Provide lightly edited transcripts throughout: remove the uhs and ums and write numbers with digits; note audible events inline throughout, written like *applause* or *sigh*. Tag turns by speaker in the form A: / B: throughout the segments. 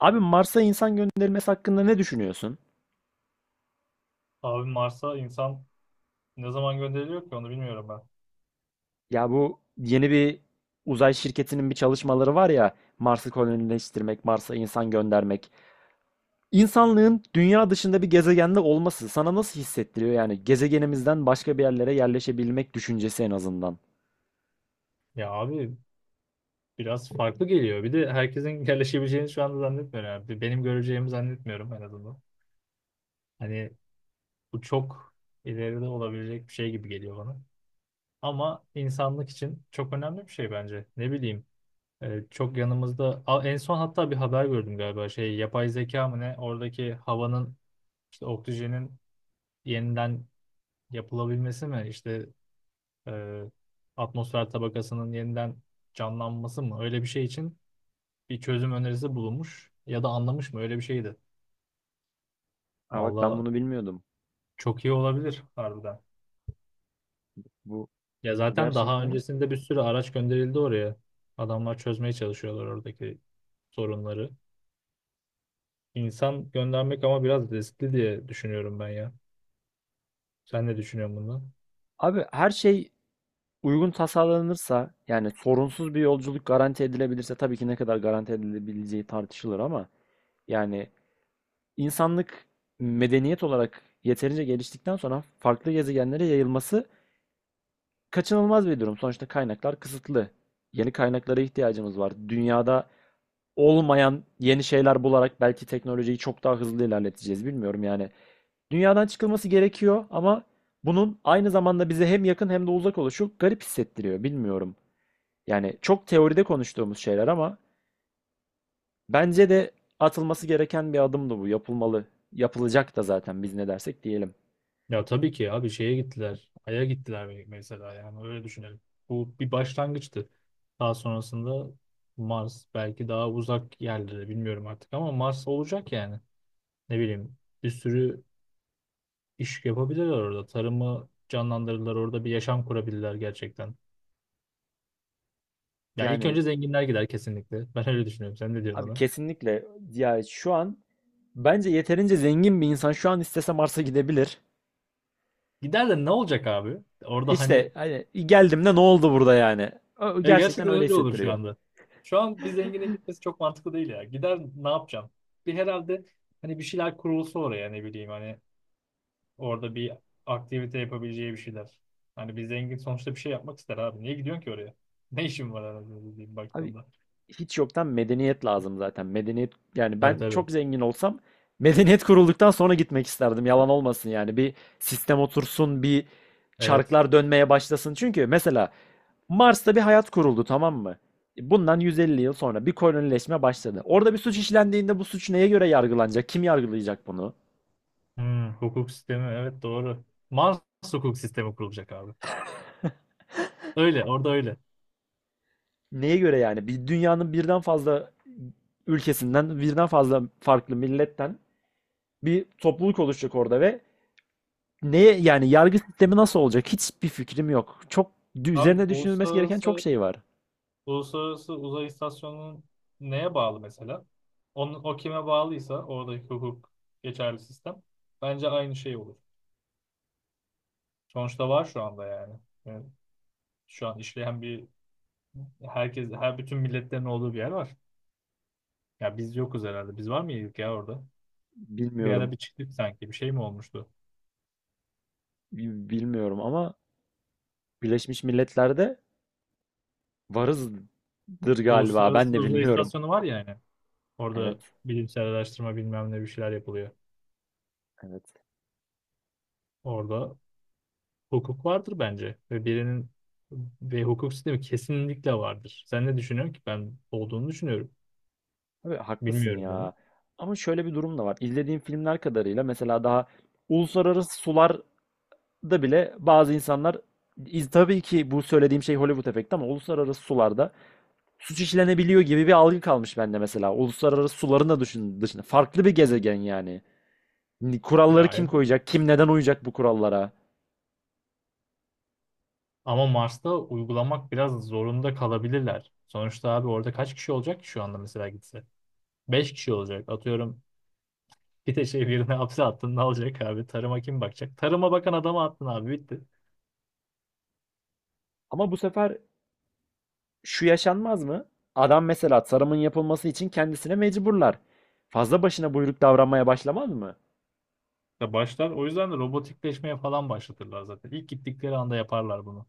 A: Abi Mars'a insan gönderilmesi hakkında ne düşünüyorsun?
B: Abi Mars'a insan ne zaman gönderiliyor ki onu bilmiyorum ben.
A: Ya bu yeni bir uzay şirketinin bir çalışmaları var ya Mars'ı kolonileştirmek, Mars'a insan göndermek. İnsanlığın dünya dışında bir gezegende olması sana nasıl hissettiriyor? Yani gezegenimizden başka bir yerlere yerleşebilmek düşüncesi en azından.
B: Ya abi biraz farklı geliyor. Bir de herkesin *laughs* yerleşebileceğini şu anda zannetmiyorum. Yani. Benim göreceğimi zannetmiyorum en azından. Hani bu çok ileride olabilecek bir şey gibi geliyor bana. Ama insanlık için çok önemli bir şey bence. Ne bileyim çok yanımızda en son hatta bir haber gördüm galiba şey yapay zeka mı ne oradaki havanın işte oksijenin yeniden yapılabilmesi mi İşte. e, Atmosfer tabakasının yeniden canlanması mı? Öyle bir şey için bir çözüm önerisi bulunmuş ya da anlamış mı? Öyle bir şeydi.
A: Ha bak ben
B: Valla
A: bunu bilmiyordum.
B: çok iyi olabilir harbiden.
A: Bu,
B: Ya
A: bu
B: zaten daha
A: gerçekten.
B: öncesinde bir sürü araç gönderildi oraya. Adamlar çözmeye çalışıyorlar oradaki sorunları. İnsan göndermek ama biraz riskli diye düşünüyorum ben ya. Sen ne düşünüyorsun bundan?
A: Abi her şey uygun tasarlanırsa yani sorunsuz bir yolculuk garanti edilebilirse tabii ki ne kadar garanti edilebileceği tartışılır ama yani insanlık medeniyet olarak yeterince geliştikten sonra farklı gezegenlere yayılması kaçınılmaz bir durum. Sonuçta kaynaklar kısıtlı. Yeni kaynaklara ihtiyacımız var. Dünyada olmayan yeni şeyler bularak belki teknolojiyi çok daha hızlı ilerleteceğiz. Bilmiyorum yani. Dünyadan çıkılması gerekiyor ama bunun aynı zamanda bize hem yakın hem de uzak oluşu garip hissettiriyor. Bilmiyorum. Yani çok teoride konuştuğumuz şeyler ama bence de atılması gereken bir adımdı bu. Yapılmalı. Yapılacak da zaten biz ne dersek diyelim.
B: Ya tabii ki abi şeye gittiler. Ay'a gittiler, mesela yani öyle düşünelim. Bu bir başlangıçtı. Daha sonrasında Mars, belki daha uzak yerlere, bilmiyorum artık ama Mars olacak yani. Ne bileyim bir sürü iş yapabilirler orada. Tarımı canlandırırlar, orada bir yaşam kurabilirler gerçekten. Ya ilk
A: Yani
B: önce zenginler gider kesinlikle. *laughs* Ben öyle düşünüyorum. Sen ne diyorsun
A: abi
B: ona?
A: kesinlikle ya şu an bence yeterince zengin bir insan şu an istese Mars'a gidebilir.
B: Gider de ne olacak abi? Orada
A: İşte
B: hani.
A: hani geldim de ne oldu burada yani? Gerçekten
B: Gerçekten
A: öyle
B: öyle olur şu
A: hissettiriyor.
B: anda. Şu an bir zengine gitmesi çok mantıklı değil ya. Gider ne yapacağım? Bir herhalde hani bir şeyler kurulsa oraya, ne bileyim hani orada bir aktivite yapabileceği bir şeyler. Hani bir zengin sonuçta bir şey yapmak ister abi. Niye gidiyorsun ki oraya? *laughs* Ne işin var herhalde dediğim
A: Abi
B: baktığımda.
A: hiç yoktan medeniyet lazım zaten. Medeniyet yani
B: Tabii
A: ben
B: tabii.
A: çok zengin olsam medeniyet kurulduktan sonra gitmek isterdim. Yalan olmasın yani. Bir sistem otursun, bir
B: Evet.
A: çarklar dönmeye başlasın. Çünkü mesela Mars'ta bir hayat kuruldu tamam mı? Bundan 150 yıl sonra bir kolonileşme başladı. Orada bir suç işlendiğinde bu suç neye göre yargılanacak? Kim yargılayacak bunu?
B: Hmm, hukuk sistemi, evet, doğru. Mars hukuk sistemi kurulacak abi. Öyle orada, öyle.
A: Neye göre yani? Bir dünyanın birden fazla ülkesinden, birden fazla farklı milletten bir topluluk oluşacak orada ve neye yani yargı sistemi nasıl olacak? Hiçbir fikrim yok. Çok
B: Abi
A: üzerine düşünülmesi gereken çok
B: uluslararası
A: şey var.
B: Uluslararası Uzay İstasyonu'nun neye bağlı mesela? Onun, o kime bağlıysa oradaki hukuk geçerli sistem bence aynı şey olur. Sonuçta var şu anda yani. Yani şu an işleyen bir, herkes, her bütün milletlerin olduğu bir yer var. Ya biz yokuz herhalde. Biz var mıydık ya orada? Bir ara
A: Bilmiyorum.
B: bir çıktık sanki. Bir şey mi olmuştu?
A: Bilmiyorum ama Birleşmiş Milletler'de varızdır galiba. Ben
B: Uluslararası
A: de
B: Uzay
A: bilmiyorum.
B: İstasyonu var ya yani. Orada
A: Evet.
B: bilimsel araştırma, bilmem ne, bir şeyler yapılıyor.
A: Evet.
B: Orada hukuk vardır bence ve birinin ve hukuk sistemi kesinlikle vardır. Sen ne düşünüyorsun ki? Ben olduğunu düşünüyorum.
A: Tabii haklısın
B: Bilmiyorum bunu.
A: ya. Ama şöyle bir durum da var. İzlediğim filmler kadarıyla mesela daha uluslararası sularda bile bazı insanlar tabii ki bu söylediğim şey Hollywood efekti ama uluslararası sularda suç işlenebiliyor gibi bir algı kalmış bende mesela. Uluslararası suların da düşün, dışında. Farklı bir gezegen yani.
B: Ya,
A: Kuralları kim
B: evet.
A: koyacak? Kim neden uyacak bu kurallara?
B: Ama Mars'ta uygulamak biraz zorunda kalabilirler. Sonuçta abi orada kaç kişi olacak ki şu anda mesela gitse? 5 kişi olacak. Atıyorum, bir de şey, birine *laughs* hapse attın ne olacak abi? Tarıma kim bakacak? Tarıma bakan adama attın abi, bitti.
A: Ama bu sefer şu yaşanmaz mı? Adam mesela tarımın yapılması için kendisine mecburlar. Fazla başına buyruk davranmaya başlamaz mı?
B: Ya başlar. O yüzden de robotikleşmeye falan başlatırlar zaten. İlk gittikleri anda yaparlar bunu.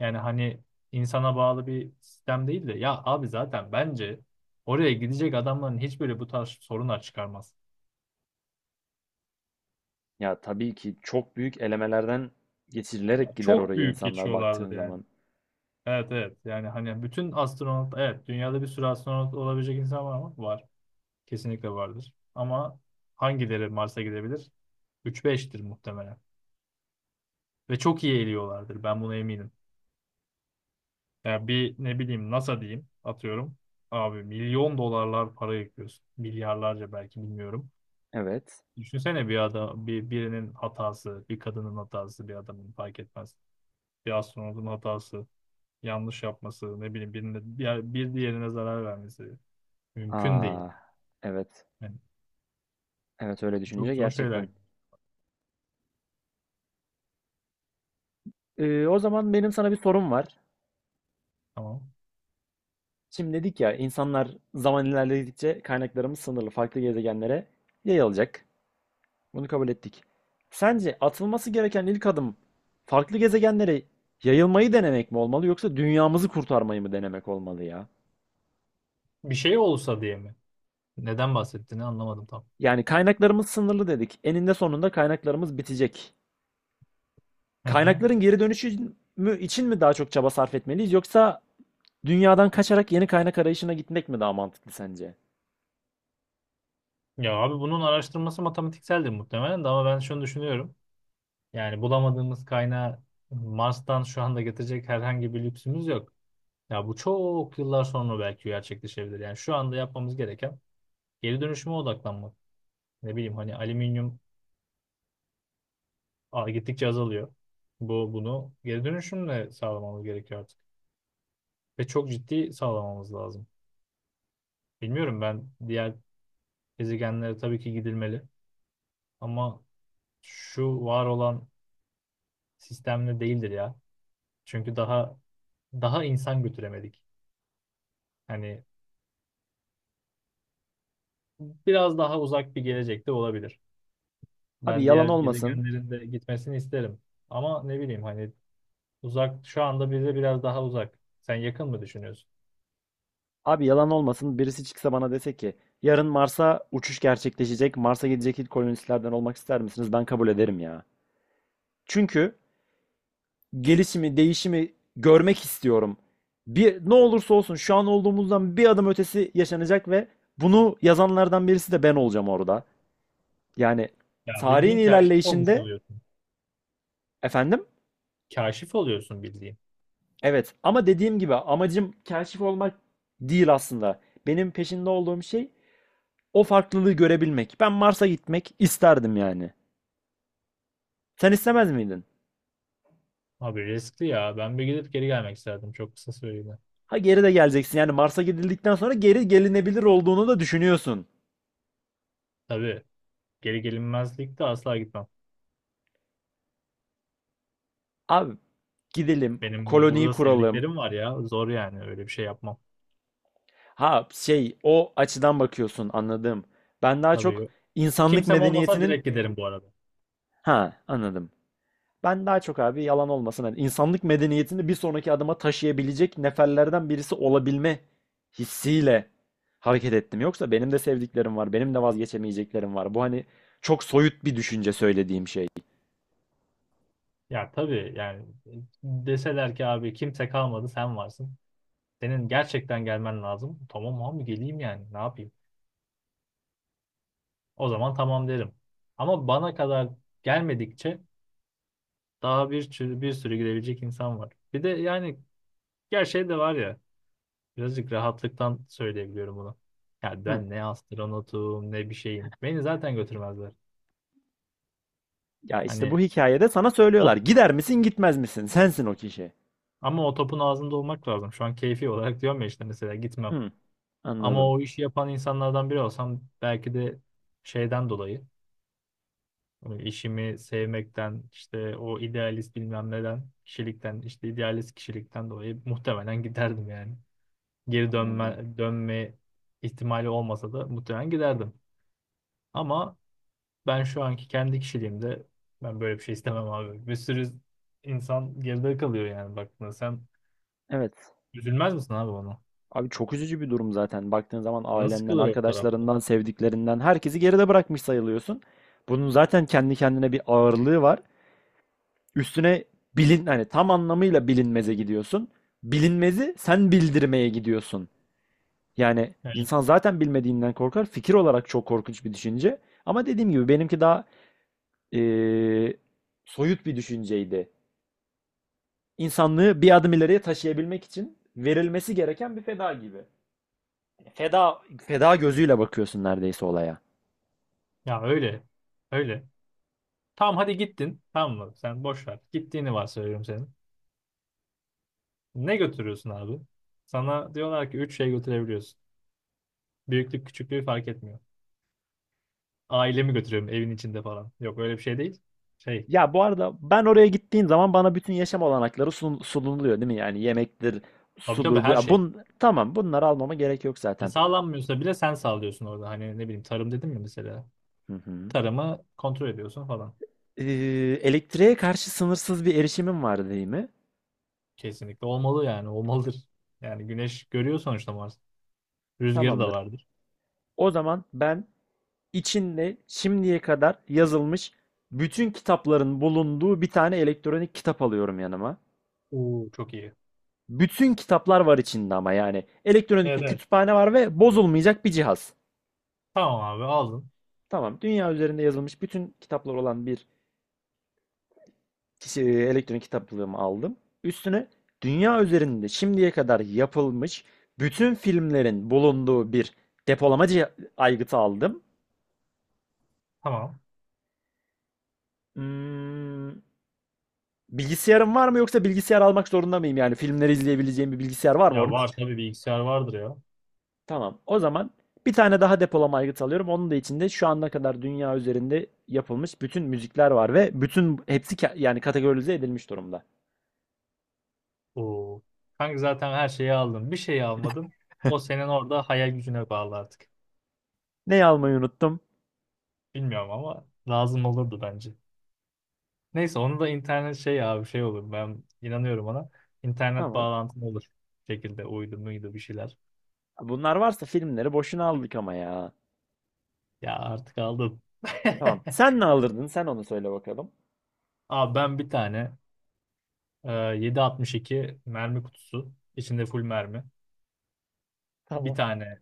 B: Yani hani insana bağlı bir sistem değil de, ya abi zaten bence oraya gidecek adamların hiçbiri bu tarz sorunlar çıkarmaz.
A: Ya tabii ki çok büyük elemelerden
B: Ya
A: geçirilerek gider
B: çok
A: oraya
B: büyük
A: insanlar baktığın
B: geçiyorlardı yani.
A: zaman.
B: Evet, evet, yani hani bütün astronot, evet, dünyada bir sürü astronot olabilecek insan var mı? Var. Kesinlikle vardır. Ama hangileri Mars'a gidebilir? 3-5'tir muhtemelen. Ve çok iyi eğiliyorlardır, ben buna eminim. Ya bir, ne bileyim, NASA diyeyim, atıyorum. Abi milyon dolarlar para yakıyorsun. Milyarlarca belki, bilmiyorum.
A: Evet.
B: Düşünsene bir adam, birinin hatası, bir kadının hatası, bir adamın, fark etmez. Bir astronotun hatası, yanlış yapması, ne bileyim birine, bir diğerine zarar vermesi mümkün değil.
A: Aa, evet.
B: Yani
A: Evet öyle
B: çok
A: düşününce
B: zor şeyler.
A: gerçekten. O zaman benim sana bir sorum var.
B: Tamam.
A: Şimdi dedik ya insanlar zaman ilerledikçe kaynaklarımız sınırlı farklı gezegenlere yayılacak. Bunu kabul ettik. Sence atılması gereken ilk adım farklı gezegenlere yayılmayı denemek mi olmalı yoksa dünyamızı kurtarmayı mı denemek olmalı ya?
B: Bir şey olsa diye mi? Neden bahsettiğini anlamadım tam.
A: Yani kaynaklarımız sınırlı dedik. Eninde sonunda kaynaklarımız bitecek.
B: Hı hı.
A: Kaynakların geri dönüşü mü için mi daha çok çaba sarf etmeliyiz yoksa dünyadan kaçarak yeni kaynak arayışına gitmek mi daha mantıklı sence?
B: Ya abi bunun araştırması matematikseldir muhtemelen de, ama ben şunu düşünüyorum. Yani bulamadığımız kaynağı Mars'tan şu anda getirecek herhangi bir lüksümüz yok. Ya bu çok yıllar sonra belki gerçekleşebilir. Yani şu anda yapmamız gereken geri dönüşüme odaklanmak. Ne bileyim hani alüminyum gittikçe azalıyor. Bunu geri dönüşümle sağlamamız gerekiyor artık. Ve çok ciddi sağlamamız lazım. Bilmiyorum, ben diğer gezegenlere tabii ki gidilmeli, ama şu var olan sistemle değildir ya. Çünkü daha insan götüremedik. Hani biraz daha uzak bir gelecekte olabilir.
A: Abi
B: Ben
A: yalan
B: diğer
A: olmasın.
B: gezegenlerin de gitmesini isterim. Ama ne bileyim hani uzak, şu anda bize biraz daha uzak. Sen yakın mı düşünüyorsun?
A: Abi yalan olmasın. Birisi çıksa bana dese ki yarın Mars'a uçuş gerçekleşecek. Mars'a gidecek ilk kolonistlerden olmak ister misiniz? Ben kabul ederim ya. Çünkü gelişimi, değişimi görmek istiyorum. Bir, ne olursa olsun şu an olduğumuzdan bir adım ötesi yaşanacak ve bunu yazanlardan birisi de ben olacağım orada. Yani
B: Ya
A: tarihin
B: bildiğin kaşif olmuş
A: ilerleyişinde
B: oluyorsun.
A: efendim
B: Kaşif oluyorsun bildiğin.
A: evet ama dediğim gibi amacım kaşif olmak değil aslında. Benim peşinde olduğum şey o farklılığı görebilmek. Ben Mars'a gitmek isterdim yani. Sen istemez miydin?
B: Abi riskli ya. Ben bir gidip geri gelmek isterdim, çok kısa süreliğine.
A: Ha geri de geleceksin yani Mars'a gidildikten sonra geri gelinebilir olduğunu da düşünüyorsun.
B: Tabii, geri gelinmezlik de asla gitmem.
A: Abi gidelim,
B: Benim
A: koloniyi
B: burada
A: kuralım,
B: sevdiklerim var ya. Zor yani, öyle bir şey yapmam.
A: Ha şey o açıdan bakıyorsun anladım. Ben daha
B: Tabii,
A: çok
B: yok.
A: insanlık
B: Kimsem olmasa
A: medeniyetinin
B: direkt giderim bu arada.
A: ha anladım. Ben daha çok abi yalan olmasın hani insanlık medeniyetini bir sonraki adıma taşıyabilecek neferlerden birisi olabilme hissiyle hareket ettim. Yoksa benim de sevdiklerim var, benim de vazgeçemeyeceklerim var. Bu hani çok soyut bir düşünce söylediğim şey.
B: Ya tabii, yani deseler ki abi kimse kalmadı, sen varsın. Senin gerçekten gelmen lazım. Tamam abi, geleyim yani, ne yapayım. O zaman tamam derim. Ama bana kadar gelmedikçe, daha bir sürü, bir sürü gidebilecek insan var. Bir de yani gerçeği de var ya, birazcık rahatlıktan söyleyebiliyorum bunu. Ya
A: Hı.
B: ben ne astronotum ne bir şeyim. Beni zaten götürmezler.
A: Ya işte bu
B: Hani
A: hikayede sana
B: o,
A: söylüyorlar. Gider misin, gitmez misin? Sensin o kişi.
B: ama o topun ağzında olmak lazım. Şu an keyfi olarak diyorum ya işte, mesela gitmem.
A: Hı.
B: Ama
A: Anladım.
B: o işi yapan insanlardan biri olsam, belki de şeyden dolayı, hani işimi sevmekten, işte o idealist bilmem neden kişilikten, işte idealist kişilikten dolayı muhtemelen giderdim yani. Geri
A: Anladım.
B: dönme ihtimali olmasa da muhtemelen giderdim. Ama ben şu anki kendi kişiliğimde ben böyle bir şey istemem abi. Bir sürü insan geride kalıyor yani baktığında. Sen
A: Evet.
B: üzülmez misin abi ona?
A: Abi çok üzücü bir durum zaten. Baktığın zaman
B: Canın
A: ailenden,
B: sıkılır o tarafta.
A: arkadaşlarından, sevdiklerinden herkesi geride bırakmış sayılıyorsun. Bunun zaten kendi kendine bir ağırlığı var. Üstüne bilin hani tam anlamıyla bilinmeze gidiyorsun. Bilinmezi sen bildirmeye gidiyorsun. Yani
B: Yani,
A: insan zaten bilmediğinden korkar. Fikir olarak çok korkunç bir düşünce. Ama dediğim gibi benimki daha eee, soyut bir düşünceydi. İnsanlığı bir adım ileriye taşıyabilmek için verilmesi gereken bir feda gibi. Feda feda gözüyle bakıyorsun neredeyse olaya.
B: ya, öyle. Öyle. Tamam hadi gittin. Tamam mı? Sen boş ver. Gittiğini varsayıyorum senin. Ne götürüyorsun abi? Sana diyorlar ki üç şey götürebiliyorsun. Büyüklük küçüklüğü fark etmiyor. Ailemi götürüyorum evin içinde falan. Yok, öyle bir şey değil. Şey.
A: Ya bu arada ben oraya gittiğim zaman bana bütün yaşam olanakları sunuluyor değil mi? Yani yemektir,
B: Tabii tabii,
A: sudur bu.
B: her şey.
A: Tamam bunları almama gerek yok zaten.
B: Sağlanmıyorsa bile sen sağlıyorsun orada. Hani ne bileyim, tarım dedim mi mesela?
A: Hı hı.
B: Tarımı kontrol ediyorsun falan.
A: Ee, Elektriğe karşı sınırsız bir erişimim var değil mi?
B: Kesinlikle olmalı, yani olmalıdır. Yani güneş görüyor sonuçta Mars. Rüzgarı da
A: Tamamdır.
B: vardır.
A: O zaman ben içinde şimdiye kadar yazılmış bütün kitapların bulunduğu bir tane elektronik kitap alıyorum yanıma.
B: Oo, çok iyi.
A: Bütün kitaplar var içinde ama yani elektronik
B: Evet,
A: bir
B: evet.
A: kütüphane var ve bozulmayacak bir cihaz.
B: Tamam abi aldın.
A: Tamam. Dünya üzerinde yazılmış bütün kitaplar olan bir kişi, elektronik kitaplığımı aldım. Üstüne dünya üzerinde şimdiye kadar yapılmış bütün filmlerin bulunduğu bir depolamacı aygıtı aldım.
B: Tamam.
A: Hmm, Bilgisayarım var mı yoksa bilgisayar almak zorunda mıyım? Yani filmleri izleyebileceğim bir bilgisayar var mı
B: Ya
A: orada?
B: var tabii, bilgisayar vardır ya.
A: *laughs* Tamam. O zaman bir tane daha depolama aygıtı alıyorum. Onun da içinde şu ana kadar dünya üzerinde yapılmış bütün müzikler var ve bütün hepsi yani kategorize edilmiş durumda.
B: Oo. Kanka zaten her şeyi aldın. Bir şeyi almadın. O senin orada hayal gücüne bağlı artık.
A: Neyi almayı unuttum?
B: Bilmiyorum ama lazım olurdu bence. Neyse onu da internet şey abi, şey olur. Ben inanıyorum ona. İnternet
A: Tamam.
B: bağlantın olur. Bir şekilde uydu muydu bir şeyler.
A: Bunlar varsa filmleri boşuna aldık ama ya.
B: Ya artık aldım. *laughs*
A: Tamam. Sen ne alırdın? Sen onu söyle bakalım.
B: Abi ben bir tane 7.62 mermi kutusu, içinde full mermi. Bir
A: Tamam.
B: tane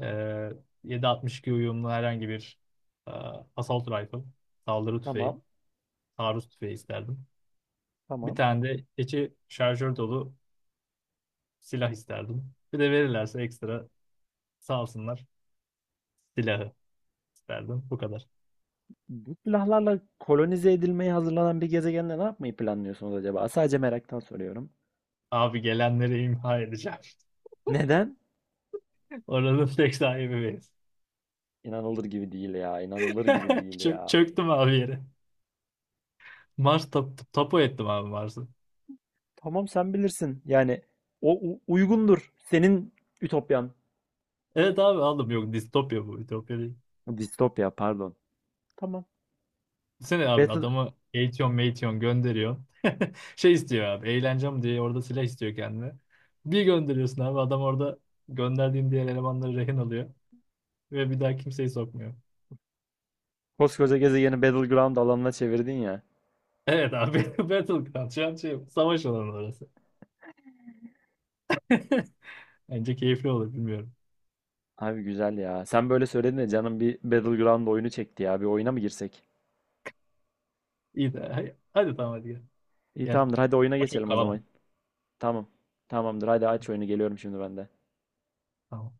B: e, 7.62 uyumlu herhangi bir e, assault rifle. Saldırı tüfeği.
A: Tamam.
B: Taarruz tüfeği isterdim. Bir
A: Tamam.
B: tane de içi şarjör dolu silah isterdim. Bir de verirlerse ekstra, sağ olsunlar, silahı isterdim. Bu kadar.
A: Bu silahlarla kolonize edilmeye hazırlanan bir gezegende ne yapmayı planlıyorsunuz acaba? Sadece meraktan soruyorum.
B: Abi gelenleri imha edeceğim.
A: Neden?
B: *laughs* Oranın tek sahibi beyiz.
A: İnanılır gibi değil ya. İnanılır gibi
B: *laughs*
A: değil
B: Çö-
A: ya.
B: çöktüm abi yere. Mars, tapu ettim abi Mars'ı.
A: Tamam sen bilirsin. Yani o uygundur. Senin ütopyan.
B: Evet abi aldım. Yok, distopya bu. Ütopya değil.
A: Distopya pardon. Tamam.
B: Düşünsene abi,
A: Battle,
B: adamı eğitiyor meğitiyor gönderiyor. *laughs* Şey istiyor abi. Eğlencem diye orada silah istiyor kendine. Bir gönderiyorsun abi. Adam orada gönderdiğin diğer elemanları rehin alıyor. Ve bir daha kimseyi sokmuyor.
A: koskoca gezegeni Battleground alanına çevirdin ya.
B: Evet abi. *laughs* Battleground. Şu an şey, savaş alanı orası. *laughs* Bence keyifli olur, bilmiyorum.
A: Abi güzel ya. Sen böyle söyledin de canım bir Battleground oyunu çekti ya. Bir oyuna mı girsek?
B: İyi de hadi hadi tamam, hadi gel.
A: İyi
B: Gel.
A: tamamdır. Hadi oyuna
B: Ama çok
A: geçelim o
B: kalamam.
A: zaman. Tamam. Tamamdır. Hadi aç oyunu. Geliyorum şimdi ben de.
B: Tamam.